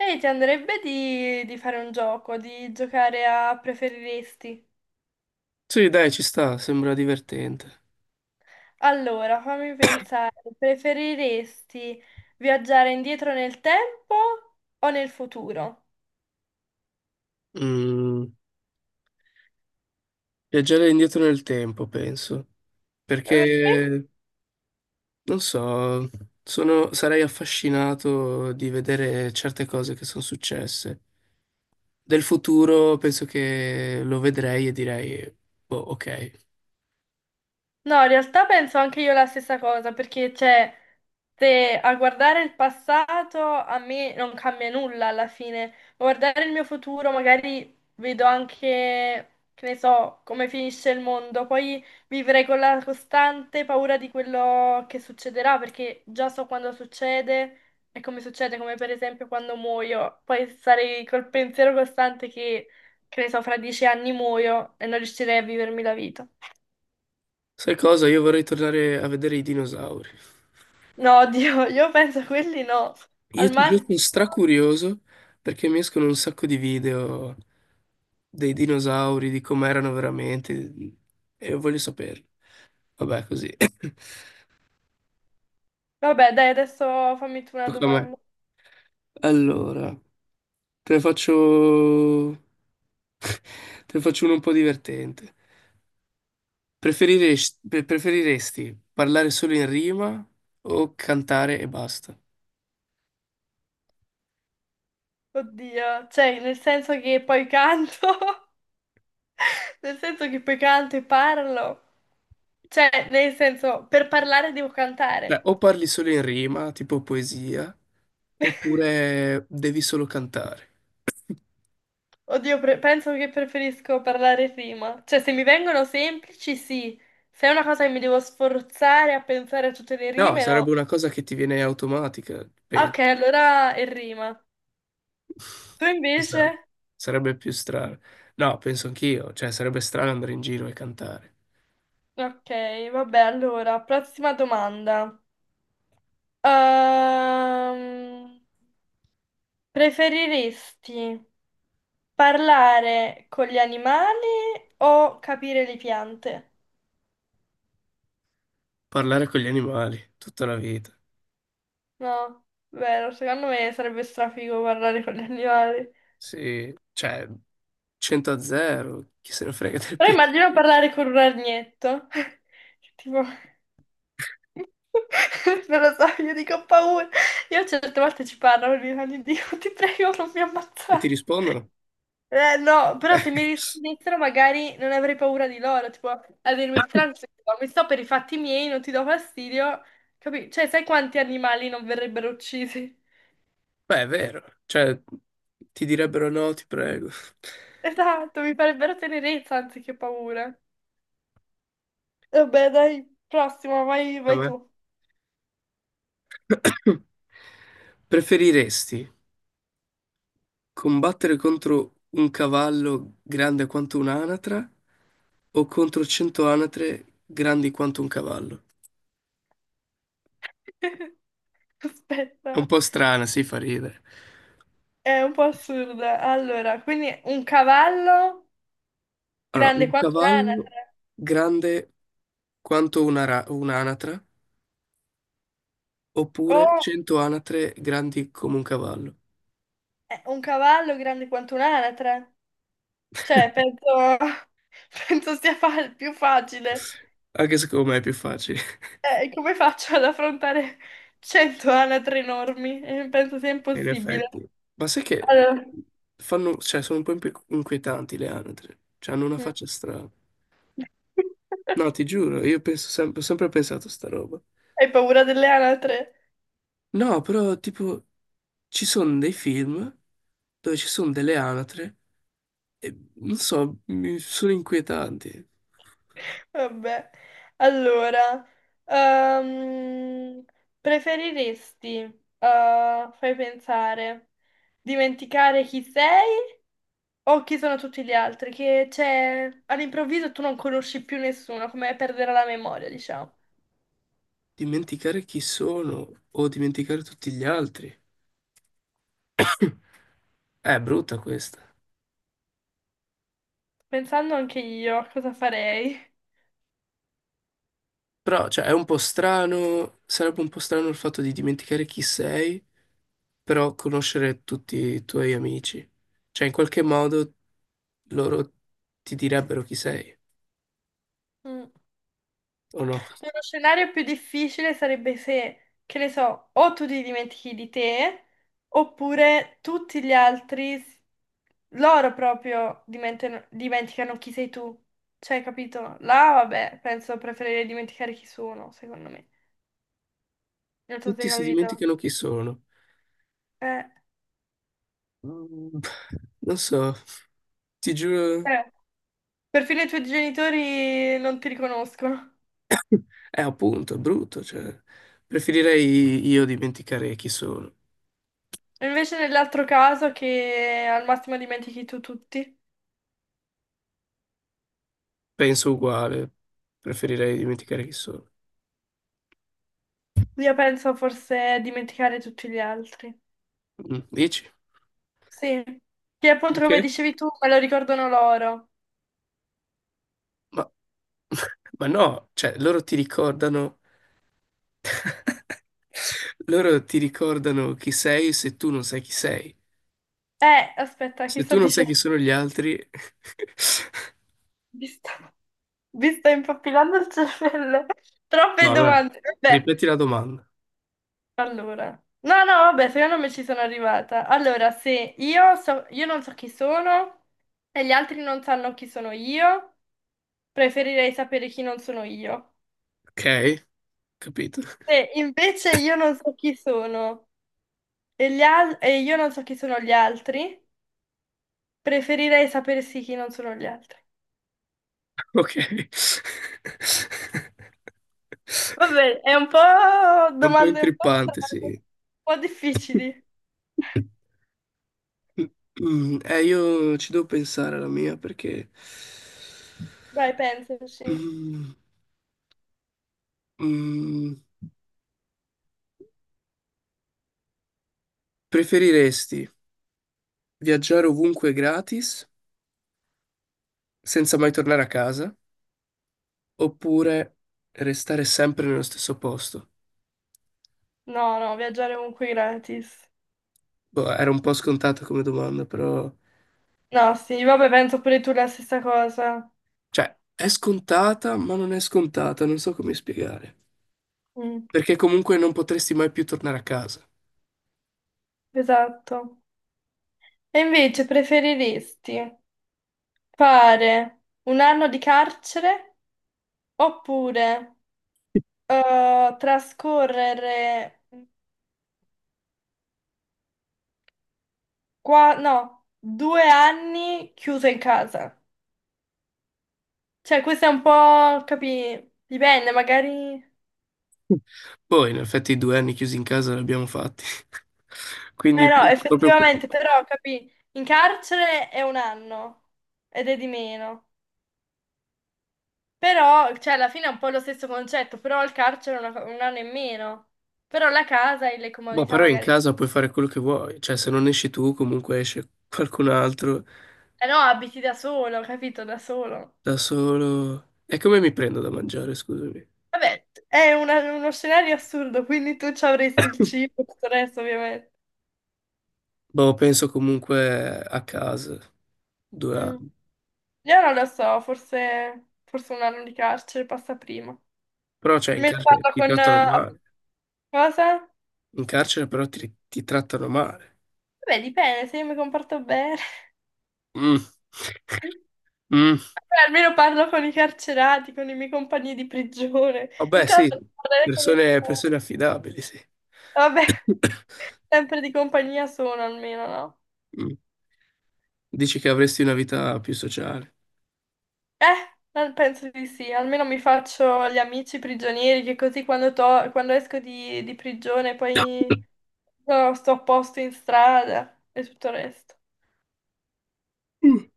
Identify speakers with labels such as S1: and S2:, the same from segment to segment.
S1: Ehi, ti andrebbe di fare un gioco, di giocare a preferiresti?
S2: Sì, dai, ci sta, sembra divertente.
S1: Allora, fammi pensare, preferiresti viaggiare indietro nel tempo o nel futuro?
S2: Mm, Viaggiare indietro nel tempo, penso,
S1: Perché?
S2: perché, non so, sarei affascinato di vedere certe cose che sono successe. Del futuro penso che lo vedrei e direi, boh, ok.
S1: No, in realtà penso anche io la stessa cosa, perché cioè, se a guardare il passato a me non cambia nulla alla fine, ma guardare il mio futuro magari vedo anche, che ne so, come finisce il mondo, poi vivrei con la costante paura di quello che succederà, perché già so quando succede e come succede, come per esempio quando muoio, poi sarei col pensiero costante che ne so, fra 10 anni muoio e non riuscirei a vivermi la vita.
S2: Sai cosa? Io vorrei tornare a vedere i dinosauri.
S1: No, Dio, io penso a quelli no.
S2: Io
S1: Al
S2: ti giuro
S1: massimo...
S2: sono stracurioso perché mi escono un sacco di video dei dinosauri, di com'erano veramente e voglio saperlo. Vabbè, così.
S1: Vabbè, dai, adesso fammi tu una
S2: Tocca a me.
S1: domanda.
S2: Allora, te ne faccio... te ne faccio uno un po' divertente. Preferiresti parlare solo in rima o cantare e basta?
S1: Oddio, cioè, nel senso che poi canto, nel senso che poi canto e parlo. Cioè, nel senso, per parlare devo
S2: Cioè,
S1: cantare.
S2: o parli solo in rima, tipo poesia, oppure devi solo cantare.
S1: Oddio, penso che preferisco parlare prima. Cioè, se mi vengono semplici, sì. Se è una cosa che mi devo sforzare a pensare a tutte le
S2: No,
S1: rime,
S2: sarebbe
S1: no.
S2: una cosa che ti viene automatica,
S1: Ok,
S2: penso.
S1: allora è rima. Tu
S2: Ci
S1: invece?
S2: sta. Sarebbe più strano. No, penso anch'io, cioè sarebbe strano andare in giro e cantare.
S1: Ok, vabbè, allora, prossima domanda. Ehm, preferiresti, parlare con gli animali o capire le piante?
S2: Parlare con gli animali tutta la vita.
S1: No, vero, secondo me sarebbe strafigo parlare con gli animali.
S2: Sì, cioè 100 a 0, chi se ne frega del
S1: Però
S2: piano.
S1: immagino parlare con un ragnetto. Tipo, non lo so, io dico ho paura. Io certe volte ci parlo, e dico, "Dio, ti prego, non mi
S2: E ti
S1: ammazzare.
S2: rispondono?
S1: No, però se mi rispondessero magari non avrei paura di loro, tipo a dirmi tranquillo, mi sto per i fatti miei, non ti do fastidio, capi? Cioè, sai quanti animali non verrebbero uccisi?
S2: Beh, è vero, cioè ti direbbero no, ti prego.
S1: Esatto, mi farebbero tenerezza anziché paura. Vabbè, dai, prossimo, vai,
S2: A
S1: vai
S2: me?
S1: tu.
S2: Preferiresti combattere contro un cavallo grande quanto un'anatra o contro cento anatre grandi quanto un cavallo. È
S1: Aspetta,
S2: un po' strana, si fa ridere.
S1: è un po' assurda. Allora, quindi un cavallo
S2: Allora,
S1: grande
S2: un
S1: quanto
S2: cavallo
S1: un'anatra.
S2: grande quanto un'anatra, oppure
S1: Oh,
S2: 100 anatre grandi come un cavallo.
S1: un cavallo grande quanto un'anatra. Cioè, penso, penso più facile.
S2: Anche secondo me è più facile,
S1: Come faccio ad affrontare 100 anatre enormi? Penso sia
S2: in
S1: impossibile.
S2: effetti. Ma sai che
S1: Allora...
S2: fanno, cioè, sono un po' inquietanti le anatre, cioè hanno una
S1: Mm.
S2: faccia strana. No, ti giuro, io penso sempre, ho sempre pensato a sta roba.
S1: Hai paura delle anatre?
S2: No, però tipo ci sono dei film dove ci sono delle anatre e non so, mi sono inquietanti.
S1: Vabbè. Allora, ehm, preferiresti, fai pensare, dimenticare chi sei o chi sono tutti gli altri? Che c'è all'improvviso tu non conosci più nessuno, come perdere la memoria, diciamo.
S2: Dimenticare chi sono o dimenticare tutti gli altri. È brutta questa.
S1: Pensando anche io a cosa farei.
S2: Però, cioè, è un po' strano, sarebbe un po' strano il fatto di dimenticare chi sei, però conoscere tutti i tuoi amici. Cioè, in qualche modo loro ti direbbero chi sei,
S1: Mm.
S2: o no?
S1: Uno scenario più difficile sarebbe se, che ne so, o tu ti dimentichi di te, oppure tutti gli altri, loro proprio dimenticano chi sei tu. Cioè, capito? Là, vabbè, penso preferirei dimenticare chi sono, secondo me. Non so se hai
S2: Tutti si
S1: capito.
S2: dimenticano chi sono.
S1: Eh,
S2: Mm, Non so, ti giuro,
S1: eh. Perfino i tuoi genitori non ti riconoscono.
S2: è appunto, è brutto, cioè, preferirei io dimenticare chi sono.
S1: E invece nell'altro caso che al massimo dimentichi tu tutti,
S2: Penso uguale, preferirei dimenticare chi sono.
S1: io penso forse a dimenticare tutti gli altri.
S2: Dici?
S1: Sì, che appunto come
S2: Perché?
S1: dicevi tu, me lo ricordano loro.
S2: Ma, ma no, cioè, loro ti ricordano, loro ti ricordano chi sei se tu non sai chi sei.
S1: Aspetta, che
S2: Se
S1: sto
S2: tu non sai chi
S1: dicendo?
S2: sono gli altri.
S1: Mi sto, mi sto impappinando il cervello.
S2: No,
S1: Troppe
S2: allora,
S1: domande. Vabbè,
S2: ripeti la domanda,
S1: allora. No, no, vabbè, secondo me ci sono arrivata. Allora, se io so, io non so chi sono e gli altri non sanno chi sono io. Preferirei sapere chi non sono io.
S2: ok? Capito?
S1: Se invece io non so chi sono e, e io non so chi sono gli altri, preferirei sapere sì chi non sono gli altri.
S2: Ok.
S1: Vabbè, è un po'
S2: È un po'
S1: domande un po'
S2: intrippante,
S1: strane,
S2: sì.
S1: un po' difficili.
S2: Io ci devo pensare alla mia, perché
S1: Dai, pensaci.
S2: Mm, mm, preferiresti viaggiare ovunque gratis senza mai tornare a casa oppure restare sempre nello stesso posto?
S1: No, no, viaggiare ovunque gratis.
S2: Boh, era un po' scontata come domanda, però.
S1: No, sì, vabbè, penso pure tu la stessa cosa.
S2: Cioè, è scontata, ma non è scontata, non so come spiegare.
S1: Mm,
S2: Perché comunque non potresti mai più tornare a casa.
S1: esatto. E invece preferiresti fare 1 anno di carcere oppure... trascorrere qua, no, 2 anni chiuso in casa. Cioè, questo è un po', capì, dipende, magari...
S2: Poi, in effetti, i due anni chiusi in casa li abbiamo fatti.
S1: Eh
S2: Quindi,
S1: no,
S2: proprio,
S1: effettivamente, però, capì, in carcere è 1 anno ed è di meno. Però, cioè, alla fine è un po' lo stesso concetto, però il carcere è 1 anno in meno. Però la casa e le
S2: boh,
S1: comodità
S2: però in
S1: magari...
S2: casa puoi fare quello che vuoi. Cioè, se non esci tu, comunque esce qualcun altro
S1: Eh no, abiti da solo, capito? Da solo.
S2: da solo. E come mi prendo da mangiare, scusami?
S1: Vabbè, è uno scenario assurdo, quindi tu ci avresti il cibo, tutto il resto, ovviamente.
S2: Boh, penso comunque a casa, due
S1: Mm.
S2: anni.
S1: Io non lo so, forse, forse 1 anno di carcere passa prima.
S2: Però, cioè, in
S1: Almeno
S2: carcere
S1: parlo
S2: ti
S1: con...
S2: trattano male.
S1: cosa?
S2: In carcere però ti trattano male.
S1: Vabbè, dipende, se io mi comporto bene.
S2: Mm. Mm.
S1: Vabbè, almeno parlo con i carcerati, con i miei compagni di prigione. In
S2: Vabbè,
S1: caso
S2: sì,
S1: non parlerei con
S2: persone, persone
S1: nessuno.
S2: affidabili, sì.
S1: Vabbè, sempre di compagnia sono almeno, no?
S2: Mm. Dici che avresti una vita più sociale.
S1: Eh, penso di sì, almeno mi faccio gli amici prigionieri che così quando esco di prigione poi no, sto a posto in strada e tutto il resto.
S2: Mm.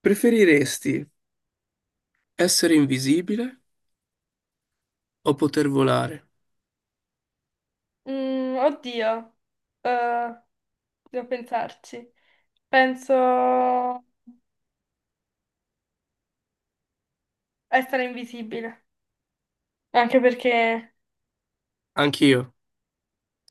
S2: Preferiresti essere invisibile o poter volare?
S1: Mm, oddio, eh, devo pensarci. Penso essere invisibile, anche perché...
S2: Anch'io.